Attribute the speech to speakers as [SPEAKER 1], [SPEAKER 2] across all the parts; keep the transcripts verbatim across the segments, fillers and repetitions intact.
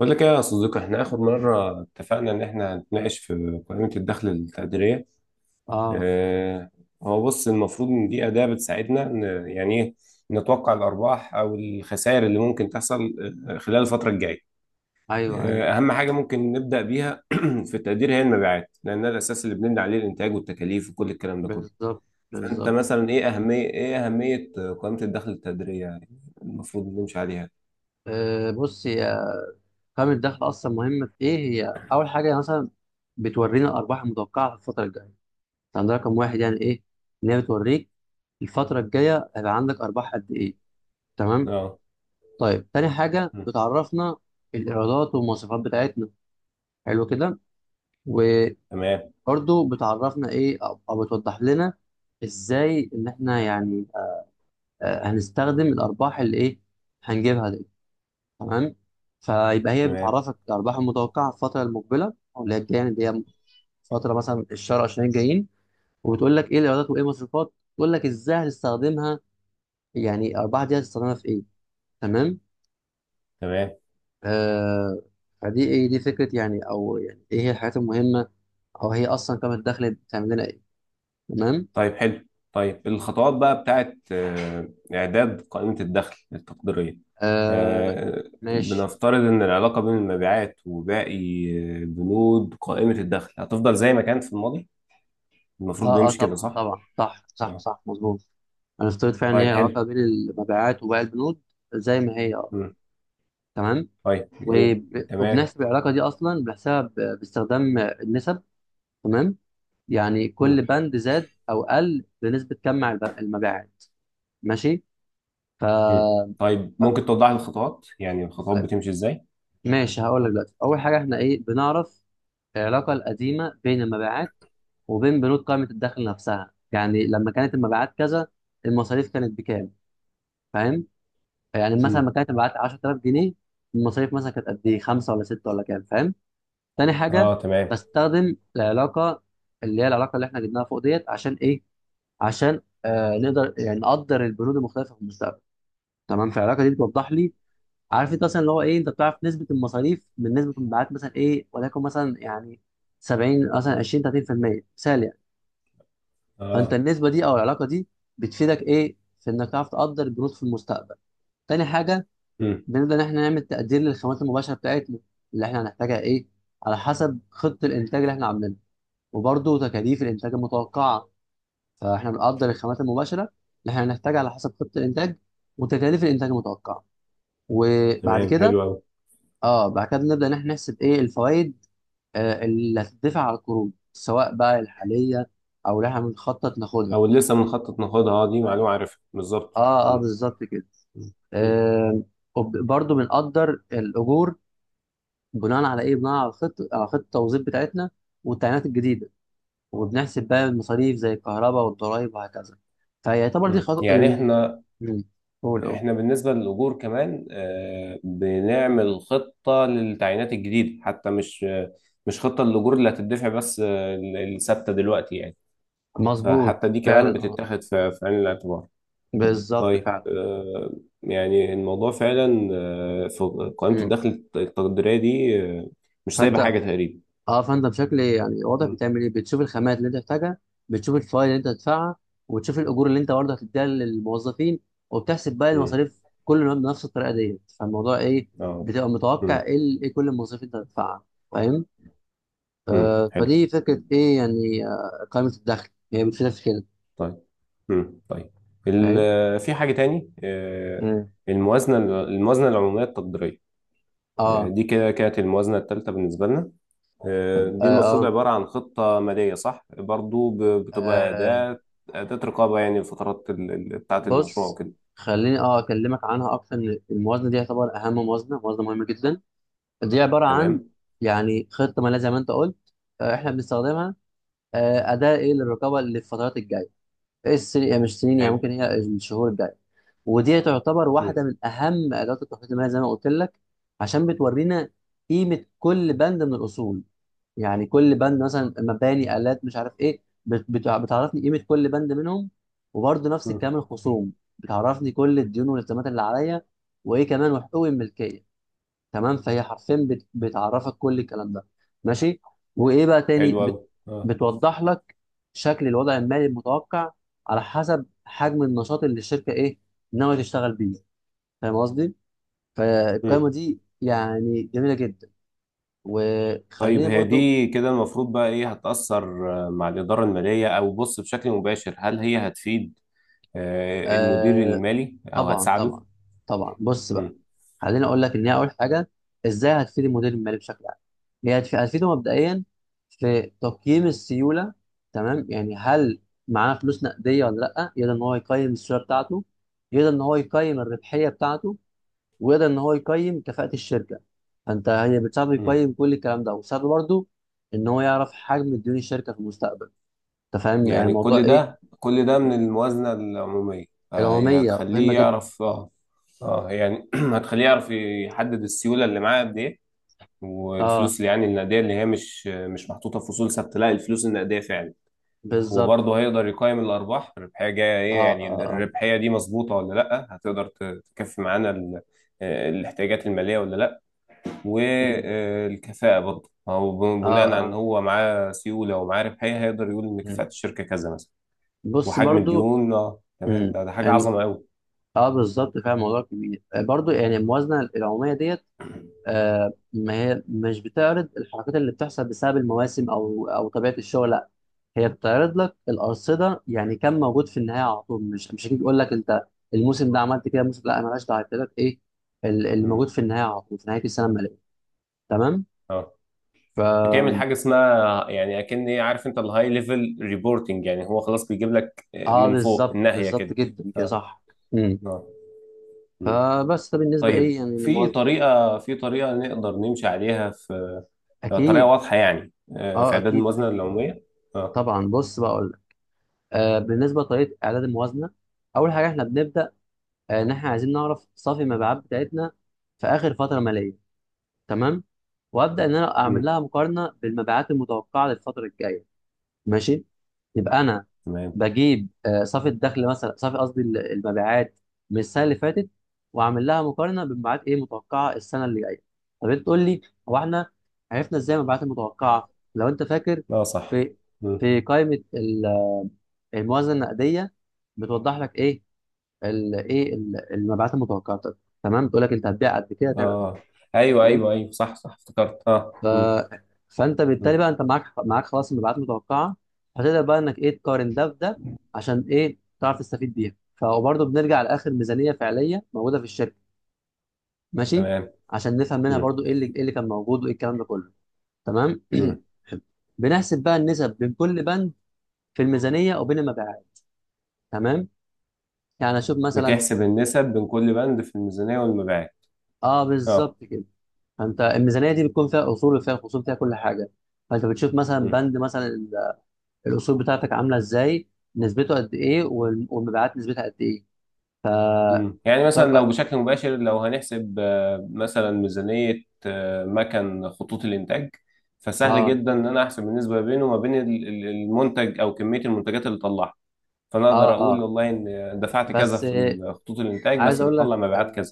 [SPEAKER 1] بقول لك ايه يا صديقي، احنا اخر مره اتفقنا ان احنا هنتناقش في قائمه الدخل التقديريه.
[SPEAKER 2] اه
[SPEAKER 1] اه. هو بص، المفروض ان دي اداه بتساعدنا ان يعني ايه نتوقع الارباح او الخسائر اللي ممكن تحصل آه، خلال الفتره الجايه.
[SPEAKER 2] ايوه ايوه
[SPEAKER 1] اه اهم حاجه ممكن نبدا بيها في التقدير هي المبيعات، لانها الاساس اللي بنبني عليه الانتاج والتكاليف وكل الكلام ده كله.
[SPEAKER 2] بالظبط
[SPEAKER 1] فانت
[SPEAKER 2] بالظبط
[SPEAKER 1] مثلا ايه اهميه ايه اهميه قائمه الدخل التقديريه، يعني المفروض نمشي عليها؟
[SPEAKER 2] آه بص، هي قائمه الدخل اصلا مهمه في ايه؟ هي اول حاجه يعني مثلا بتورينا الارباح المتوقعه في الفتره الجايه. طب ده رقم واحد، يعني ايه؟ ان هي بتوريك الفتره الجايه هيبقى عندك ارباح قد ايه. تمام.
[SPEAKER 1] اه.
[SPEAKER 2] طيب تاني حاجه،
[SPEAKER 1] م.
[SPEAKER 2] بتعرفنا الايرادات والمواصفات بتاعتنا، حلو كده. وبرده
[SPEAKER 1] تمام،
[SPEAKER 2] بتعرفنا ايه، او أو بتوضح لنا ازاي ان احنا يعني آه هنستخدم الارباح اللي ايه، هنجيبها دي. تمام. فيبقى هي
[SPEAKER 1] تمام،
[SPEAKER 2] بتعرفك الارباح المتوقعه في الفتره المقبله او اللي هي الجايه، يعني اللي هي فتره مثلا الشهر العشرين الجايين. وبتقول لك ايه الايرادات وايه المصروفات، تقول لك ازاي هتستخدمها، يعني الارباح دي هتستخدمها في ايه. تمام.
[SPEAKER 1] تمام.
[SPEAKER 2] آه فدي ايه، دي فكره يعني، او يعني ايه هي الحاجات المهمه، او هي اصلا كم الدخل بتعمل لنا ايه. تمام.
[SPEAKER 1] طيب حلو. طيب الخطوات بقى بتاعت آه، إعداد قائمة الدخل التقديرية.
[SPEAKER 2] آه.
[SPEAKER 1] آه،
[SPEAKER 2] ماشي.
[SPEAKER 1] بنفترض إن العلاقة بين المبيعات وباقي آه، بنود قائمة الدخل هتفضل زي ما كانت في الماضي. المفروض
[SPEAKER 2] اه اه،
[SPEAKER 1] بيمشي كده
[SPEAKER 2] طبعا
[SPEAKER 1] صح؟
[SPEAKER 2] طبعا صح صح
[SPEAKER 1] آه.
[SPEAKER 2] صح مظبوط. انا افترضت فعلا ان
[SPEAKER 1] طيب
[SPEAKER 2] هي
[SPEAKER 1] حلو.
[SPEAKER 2] العلاقه بين المبيعات وبيع البنود زي ما هي، اه
[SPEAKER 1] مم.
[SPEAKER 2] تمام.
[SPEAKER 1] طيب يب-
[SPEAKER 2] وب-
[SPEAKER 1] تمام.
[SPEAKER 2] وبنحسب العلاقة دي أصلا بنحسبها ب- باستخدام النسب. تمام. يعني
[SPEAKER 1] مم.
[SPEAKER 2] كل بند زاد أو قل بنسبة كم مع الب- المبيعات. ماشي. ف
[SPEAKER 1] مم. طيب ممكن توضح لي الخطوات، يعني الخطوات
[SPEAKER 2] طيب،
[SPEAKER 1] بتمشي إزاي؟
[SPEAKER 2] ماشي، هقول لك دلوقتي. أول حاجة، إحنا إيه بنعرف؟ العلاقة القديمة بين المبيعات وبين بنود قائمة الدخل نفسها، يعني لما كانت المبيعات كذا، المصاريف كانت بكام، فاهم؟ يعني مثلا
[SPEAKER 1] مم.
[SPEAKER 2] لما كانت المبيعات عشرة آلاف جنيه، المصاريف مثلا كانت قد إيه، خمسة ولا ستة ولا كام، فاهم. تاني حاجه،
[SPEAKER 1] آه تمام.
[SPEAKER 2] بستخدم العلاقه، اللي هي العلاقه اللي احنا جبناها فوق ديت، عشان ايه؟ عشان آه نقدر، يعني نقدر البنود المختلفه في المستقبل. تمام. فالعلاقه دي بتوضح لي، عارف، انت مثلا اللي هو ايه، انت بتعرف نسبه المصاريف من نسبه المبيعات مثلا ايه، وليكن مثلا يعني سبعين مثلا، عشرين، ثلاثين في المية، مثال يعني. فانت
[SPEAKER 1] آه.
[SPEAKER 2] النسبه دي او العلاقه دي بتفيدك ايه في انك تعرف تقدر البنود في المستقبل. تاني حاجه،
[SPEAKER 1] مم.
[SPEAKER 2] بنبدا ان احنا نعمل تقدير للخامات المباشره بتاعتنا اللي احنا هنحتاجها ايه على حسب خطه الانتاج اللي احنا عاملينها، وبرضه تكاليف الانتاج المتوقعه. فاحنا بنقدر الخامات المباشره اللي احنا هنحتاجها على حسب خطه الانتاج وتكاليف الانتاج المتوقعه. وبعد
[SPEAKER 1] تمام
[SPEAKER 2] كده،
[SPEAKER 1] حلو أوي.
[SPEAKER 2] اه بعد كده بنبدا ان احنا نحسب ايه الفوائد، آه اللي هتدفع على القروض، سواء بقى الحاليه او اللي احنا بنخطط ناخدها.
[SPEAKER 1] أو لسه بنخطط ناخدها، آه، دي معلومة
[SPEAKER 2] ايوه.
[SPEAKER 1] عارفها بالظبط.
[SPEAKER 2] اه اه
[SPEAKER 1] مم.
[SPEAKER 2] بالظبط كده.
[SPEAKER 1] مم.
[SPEAKER 2] آه. برضه بنقدر الاجور بناء على ايه، بناء على خطه على خطه التوظيف بتاعتنا والتعيينات الجديده. وبنحسب بقى المصاريف زي الكهرباء والضرايب وهكذا. فيعتبر دي
[SPEAKER 1] مم.
[SPEAKER 2] خطوة
[SPEAKER 1] يعني
[SPEAKER 2] ال...
[SPEAKER 1] احنا
[SPEAKER 2] مم. قول قول.
[SPEAKER 1] احنا بالنسبة للأجور كمان آه، بنعمل خطة للتعيينات الجديدة، حتى مش آه، مش خطة للأجور اللي هتدفع بس، آه، الثابتة دلوقتي يعني.
[SPEAKER 2] مظبوط
[SPEAKER 1] فحتى دي
[SPEAKER 2] فعلا.
[SPEAKER 1] كمان
[SPEAKER 2] اه
[SPEAKER 1] بتتاخد في في عين الاعتبار.
[SPEAKER 2] بالظبط
[SPEAKER 1] طيب،
[SPEAKER 2] فعلا.
[SPEAKER 1] آه، يعني الموضوع فعلا آه، في قائمة
[SPEAKER 2] مم.
[SPEAKER 1] الدخل التقديرية دي آه، مش سايبة
[SPEAKER 2] فانت،
[SPEAKER 1] حاجة تقريبا.
[SPEAKER 2] اه فانت بشكل إيه يعني واضح
[SPEAKER 1] مم.
[SPEAKER 2] بتعمل ايه؟ بتشوف الخامات اللي انت محتاجها، بتشوف الفوائد اللي انت هتدفعها، وتشوف الاجور اللي انت برضه هتديها للموظفين، وبتحسب بقى
[SPEAKER 1] مم.
[SPEAKER 2] المصاريف كل يوم بنفس الطريقه ديت. فالموضوع ايه،
[SPEAKER 1] اه.
[SPEAKER 2] بتبقى
[SPEAKER 1] مم.
[SPEAKER 2] متوقع ايه ال- ايه كل المصاريف انت هتدفعها، فاهم.
[SPEAKER 1] مم.
[SPEAKER 2] آه
[SPEAKER 1] حلو.
[SPEAKER 2] فدي فكره ايه يعني، آه قائمه الدخل هي بتفيدك في كده،
[SPEAKER 1] طيب. امم طيب،
[SPEAKER 2] فاهم.
[SPEAKER 1] ال- في حاجة تاني آه،
[SPEAKER 2] مم.
[SPEAKER 1] الموازنة الموازنة العمومية التقديرية. آه،
[SPEAKER 2] اه
[SPEAKER 1] دي كده كانت الموازنة الثالثة بالنسبة لنا. آه،
[SPEAKER 2] اه
[SPEAKER 1] دي المفروض
[SPEAKER 2] اه
[SPEAKER 1] عبارة عن خطة مالية صح؟ برضو ب- بتبقى
[SPEAKER 2] آه،
[SPEAKER 1] أداة، أداة رقابة، يعني الفترات ال- ال- بتاعة المشروع
[SPEAKER 2] بص،
[SPEAKER 1] وكده.
[SPEAKER 2] خليني اه اكلمك عنها اكتر. ان الموازنه دي يعتبر اهم موازنه موازنه مهمه جدا. دي عباره عن
[SPEAKER 1] تمام؟
[SPEAKER 2] يعني خطه ماليه زي ما انت قلت، آه، احنا بنستخدمها آه، اداه ايه للرقابه للفترات الجايه، إيه السنين، يعني مش سنين يعني،
[SPEAKER 1] حلو.
[SPEAKER 2] ممكن هي الشهور الجايه. ودي تعتبر
[SPEAKER 1] مم.
[SPEAKER 2] واحده من اهم ادوات التخطيط المالي زي ما قلت لك، عشان بتورينا قيمه كل بند من الاصول. يعني كل بند، مثلا مباني، آلات، مش عارف ايه، بت- بت- بتعرفني قيمة كل بند منهم. وبرضه نفس
[SPEAKER 1] مم.
[SPEAKER 2] الكلام الخصوم، بتعرفني كل الديون والالتزامات اللي عليا، وايه كمان، وحقوق الملكية. تمام، فهي حرفيا بت- بتعرفك كل الكلام ده. ماشي. وايه بقى تاني
[SPEAKER 1] حلو
[SPEAKER 2] بت-
[SPEAKER 1] أوي اه.
[SPEAKER 2] بتوضح لك شكل الوضع المالي المتوقع على حسب حجم النشاط اللي الشركة ايه ناوية تشتغل بيه، فاهم قصدي.
[SPEAKER 1] مم.
[SPEAKER 2] فالقائمة دي يعني جميلة جدا.
[SPEAKER 1] طيب
[SPEAKER 2] وخليني
[SPEAKER 1] هي
[SPEAKER 2] برضو.
[SPEAKER 1] دي كده المفروض بقى إيه هتأثر آه، مع الإدارة المالية؟ أو بص، بشكل مباشر، هل هي هتفيد آه، المدير المالي أو
[SPEAKER 2] طبعا
[SPEAKER 1] هتساعده؟
[SPEAKER 2] طبعا طبعا بص بقى،
[SPEAKER 1] مم.
[SPEAKER 2] خليني اقول لك ان هي اول حاجه، ازاي هتفيد المدير المالي بشكل عام. هي هتف- هتفيده مبدئيا في تقييم السيوله، تمام. يعني هل معاه فلوس نقديه ولا لا، يقدر ان هو يقيم السيوله بتاعته، يقدر ان هو يقيم الربحيه بتاعته، ويقدر ان هو يقيم كفاءه الشركه. فانت، هي بتساعده
[SPEAKER 1] مم.
[SPEAKER 2] يقيم كل الكلام ده، وبتساعده برضه ان هو يعرف حجم ديون الشركه في المستقبل، انت فاهم يعني
[SPEAKER 1] يعني
[SPEAKER 2] موضوع
[SPEAKER 1] كل
[SPEAKER 2] ايه.
[SPEAKER 1] ده كل ده من الموازنة العمومية، فهي
[SPEAKER 2] العموميه مهمه
[SPEAKER 1] هتخليه
[SPEAKER 2] جدا.
[SPEAKER 1] يعرف. اه اه يعني هتخليه يعرف يحدد السيولة اللي معاه قد ايه، والفلوس
[SPEAKER 2] اه
[SPEAKER 1] اللي يعني النقدية، اللي هي مش مش محطوطة في أصول ثابتة، لا، الفلوس النقدية فعلا.
[SPEAKER 2] بالظبط.
[SPEAKER 1] وبرضه هيقدر يقيم الأرباح، الربحية جاية
[SPEAKER 2] اه
[SPEAKER 1] ايه، يعني
[SPEAKER 2] اه,
[SPEAKER 1] الربحية دي مظبوطة ولا لا، هتقدر ت- تكفي معانا ال- آه، الاحتياجات المالية ولا لا؟
[SPEAKER 2] آه.
[SPEAKER 1] والكفاءة برضه هو ب-
[SPEAKER 2] اه
[SPEAKER 1] بناء على إن
[SPEAKER 2] اه
[SPEAKER 1] هو معاه سيولة ومعاه ربحية هيقدر يقول إن
[SPEAKER 2] مم.
[SPEAKER 1] كفاءة الشركة كذا مثلا.
[SPEAKER 2] بص
[SPEAKER 1] وحجم
[SPEAKER 2] برضو.
[SPEAKER 1] الديون. أه تمام،
[SPEAKER 2] مم.
[SPEAKER 1] ده ده حاجة
[SPEAKER 2] الم...
[SPEAKER 1] عظمة أوي.
[SPEAKER 2] اه بالظبط فعلا موضوع كبير. آه، برضو يعني الموازنه العموميه ديت، آه ما هي مش بتعرض الحركات اللي بتحصل بسبب المواسم او او طبيعه الشغل، لا. هي بتعرض لك الارصده، يعني كم موجود في النهايه على طول. مش مش هتيجي تقول لك انت الموسم ده عملت كده، الموسم لا انا مالهاش دعوه، هتقول لك ايه ال- اللي موجود
[SPEAKER 1] مم.
[SPEAKER 2] في النهايه على طول، في نهايه السنه الماليه. تمام.
[SPEAKER 1] أه.
[SPEAKER 2] ف
[SPEAKER 1] بتعمل حاجة اسمها يعني أكن إيه، عارف أنت الهاي ليفل ريبورتنج؟ يعني هو خلاص بيجيب لك آه،
[SPEAKER 2] اه
[SPEAKER 1] من فوق
[SPEAKER 2] بالظبط
[SPEAKER 1] الناهية
[SPEAKER 2] بالظبط
[SPEAKER 1] كده.
[SPEAKER 2] جدا كده،
[SPEAKER 1] أه.
[SPEAKER 2] صح. مم.
[SPEAKER 1] أه. مم.
[SPEAKER 2] فبس ده بالنسبه ايه
[SPEAKER 1] طيب،
[SPEAKER 2] يعني
[SPEAKER 1] في
[SPEAKER 2] للموازنه.
[SPEAKER 1] طريقة في طريقة نقدر نمشي عليها في آه، طريقة
[SPEAKER 2] اكيد.
[SPEAKER 1] واضحة، يعني آه، في
[SPEAKER 2] اه
[SPEAKER 1] إعداد
[SPEAKER 2] اكيد
[SPEAKER 1] الموازنة
[SPEAKER 2] اكيد
[SPEAKER 1] العمومية؟ اه.
[SPEAKER 2] طبعا، بص بقول لك. آه، بالنسبه لطريقه اعداد الموازنه، اول حاجه احنا بنبدا آه، ان احنا عايزين نعرف صافي المبيعات بتاعتنا في اخر فتره ماليه. تمام. وابدا ان انا اعمل
[SPEAKER 1] مم.
[SPEAKER 2] لها مقارنه بالمبيعات المتوقعه للفتره الجايه، ماشي. يبقى انا
[SPEAKER 1] تمام.
[SPEAKER 2] بجيب آه، صافي الدخل مثلا صافي قصدي ال- المبيعات من السنه اللي فاتت، واعمل لها مقارنه بالمبيعات ايه متوقعه السنه اللي جايه. طب انت تقول لي هو احنا عرفنا ازاي المبيعات المتوقعه، لو انت فاكر.
[SPEAKER 1] اه صح.
[SPEAKER 2] في
[SPEAKER 1] مم.
[SPEAKER 2] في قائمه الموازنه النقديه بتوضح لك ايه ال ايه ال- المبيعات المتوقعه. تمام، بتقول لك انت هتبيع قد كده، هتعمل قد كده.
[SPEAKER 1] اه. ايوه،
[SPEAKER 2] تمام.
[SPEAKER 1] ايوه، ايوه، صح، صح، افتكرت. اه. مم.
[SPEAKER 2] فانت بالتالي
[SPEAKER 1] مم.
[SPEAKER 2] بقى انت معاك معاك خلاص المبيعات المتوقعه. هتقدر بقى انك ايه، تقارن ده بده، عشان ايه، تعرف تستفيد بيها. فبرضه بنرجع لاخر ميزانيه فعليه موجوده في الشركه، ماشي،
[SPEAKER 1] تمام.
[SPEAKER 2] عشان نفهم منها
[SPEAKER 1] مم.
[SPEAKER 2] برضه ايه اللي ايه اللي كان موجود وايه الكلام ده كله. تمام.
[SPEAKER 1] مم.
[SPEAKER 2] بنحسب بقى النسب بين كل بند في الميزانيه وبين المبيعات، تمام. يعني اشوف مثلا.
[SPEAKER 1] بتحسب النسب بين كل بند في الميزانية والمبيعات.
[SPEAKER 2] اه
[SPEAKER 1] اه.
[SPEAKER 2] بالظبط كده. فانت الميزانيه دي بتكون فيها اصول وفيها خصوم، فيها كل حاجه. فانت بتشوف مثلا
[SPEAKER 1] مم.
[SPEAKER 2] بند مثلا ال- الاصول بتاعتك عامله ازاي، نسبته قد ايه، وال- والمبيعات نسبتها قد ايه.
[SPEAKER 1] مم. يعني
[SPEAKER 2] بتقعد
[SPEAKER 1] مثلا، لو
[SPEAKER 2] بقى.
[SPEAKER 1] بشكل مباشر، لو هنحسب آه، مثلا ميزانية آه، مكن خطوط الإنتاج، فسهل
[SPEAKER 2] اه
[SPEAKER 1] جدا إن أنا أحسب النسبة بينه وما بين ال- ال- المنتج أو كمية المنتجات اللي طلعها. فأنا أقدر
[SPEAKER 2] اه
[SPEAKER 1] أقول
[SPEAKER 2] اه
[SPEAKER 1] والله إن دفعت كذا
[SPEAKER 2] بس
[SPEAKER 1] في
[SPEAKER 2] آه،
[SPEAKER 1] خطوط الإنتاج،
[SPEAKER 2] عايز
[SPEAKER 1] بس
[SPEAKER 2] اقول لك
[SPEAKER 1] بتطلع مبيعات
[SPEAKER 2] آه
[SPEAKER 1] كذا.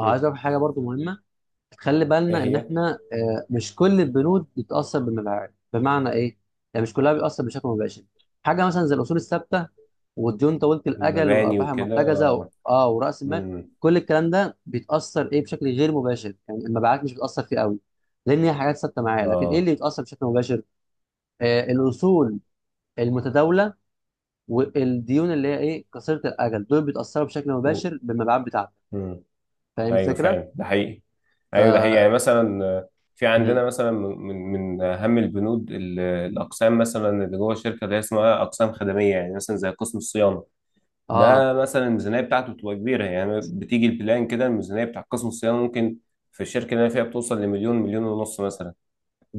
[SPEAKER 1] مم.
[SPEAKER 2] اقول لك حاجه برضو مهمه. خلي
[SPEAKER 1] إيه
[SPEAKER 2] بالنا ان
[SPEAKER 1] هي؟
[SPEAKER 2] احنا آه، مش كل البنود بتتاثر بالمبيعات. بمعنى ايه، يعني مش كلها بيأثر بشكل مباشر. حاجه مثلا زي الاصول الثابته والديون طويله الاجل
[SPEAKER 1] المباني
[SPEAKER 2] والارباح
[SPEAKER 1] وكده
[SPEAKER 2] المحتجزه، و...
[SPEAKER 1] اه.
[SPEAKER 2] اه وراس المال،
[SPEAKER 1] مم.
[SPEAKER 2] كل الكلام ده بيتاثر ايه بشكل غير مباشر، يعني المبيعات مش بتاثر فيه قوي، لان هي حاجات ثابته معايا. لكن ايه اللي
[SPEAKER 1] اه.
[SPEAKER 2] بيتاثر بشكل مباشر؟ آه، الاصول المتداوله، والديون اللي هي ايه قصيره الاجل، دول بيتاثروا بشكل مباشر بالمبيعات بتاعتك،
[SPEAKER 1] امم
[SPEAKER 2] فاهم
[SPEAKER 1] ايوه
[SPEAKER 2] الفكره.
[SPEAKER 1] فعلا ده حقيقي.
[SPEAKER 2] ف
[SPEAKER 1] ايوه ده حقيقي، يعني مثلا آه، في
[SPEAKER 2] مم.
[SPEAKER 1] عندنا مثلا من من من اهم البنود، ال- الاقسام مثلا اللي جوه الشركه، اللي هي اسمها اقسام خدميه، يعني مثلا زي قسم الصيانه.
[SPEAKER 2] اه
[SPEAKER 1] ده مثلا الميزانيه بتاعته بتبقى كبيره، يعني بتيجي البلان كده، الميزانيه بتاع قسم الصيانه ممكن في الشركه اللي انا فيها بتوصل لمليون، مليون ونص مثلا.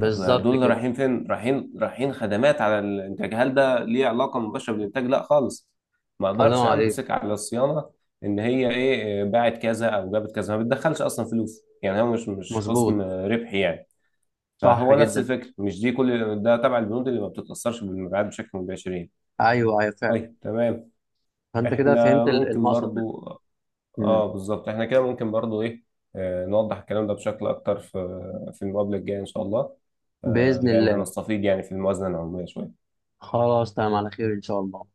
[SPEAKER 1] طب دول
[SPEAKER 2] كده.
[SPEAKER 1] رايحين فين؟ رايحين، رايحين خدمات على الانتاج. هل ده ليه علاقة مباشرة بالانتاج؟ لا خالص، ما
[SPEAKER 2] الله
[SPEAKER 1] اقدرش
[SPEAKER 2] ينور عليك.
[SPEAKER 1] امسك على الصيانة ان هي ايه باعت كذا او جابت كذا. ما بتدخلش اصلا فلوس، يعني هو مش مش قسم
[SPEAKER 2] مظبوط،
[SPEAKER 1] ربحي يعني.
[SPEAKER 2] صح
[SPEAKER 1] فهو نفس
[SPEAKER 2] جدا.
[SPEAKER 1] الفكرة، مش دي، كل ده تبع البنود اللي ما بتتأثرش بالمبيعات بشكل مباشر يعني.
[SPEAKER 2] ايوه ايوه فعلا.
[SPEAKER 1] طيب تمام.
[SPEAKER 2] فانت كده
[SPEAKER 1] احنا
[SPEAKER 2] فهمت ال-
[SPEAKER 1] ممكن
[SPEAKER 2] المقصد منه.
[SPEAKER 1] برضو.
[SPEAKER 2] مم.
[SPEAKER 1] اه بالظبط، احنا كده ممكن برضو ايه آه، نوضح الكلام ده بشكل اكتر في آه، في المقابله الجايه ان شاء الله. آه،
[SPEAKER 2] باذن
[SPEAKER 1] يعني
[SPEAKER 2] الله.
[SPEAKER 1] هنستفيد يعني في الموازنه العمريه شويه.
[SPEAKER 2] خلاص تمام، على خير ان شاء الله.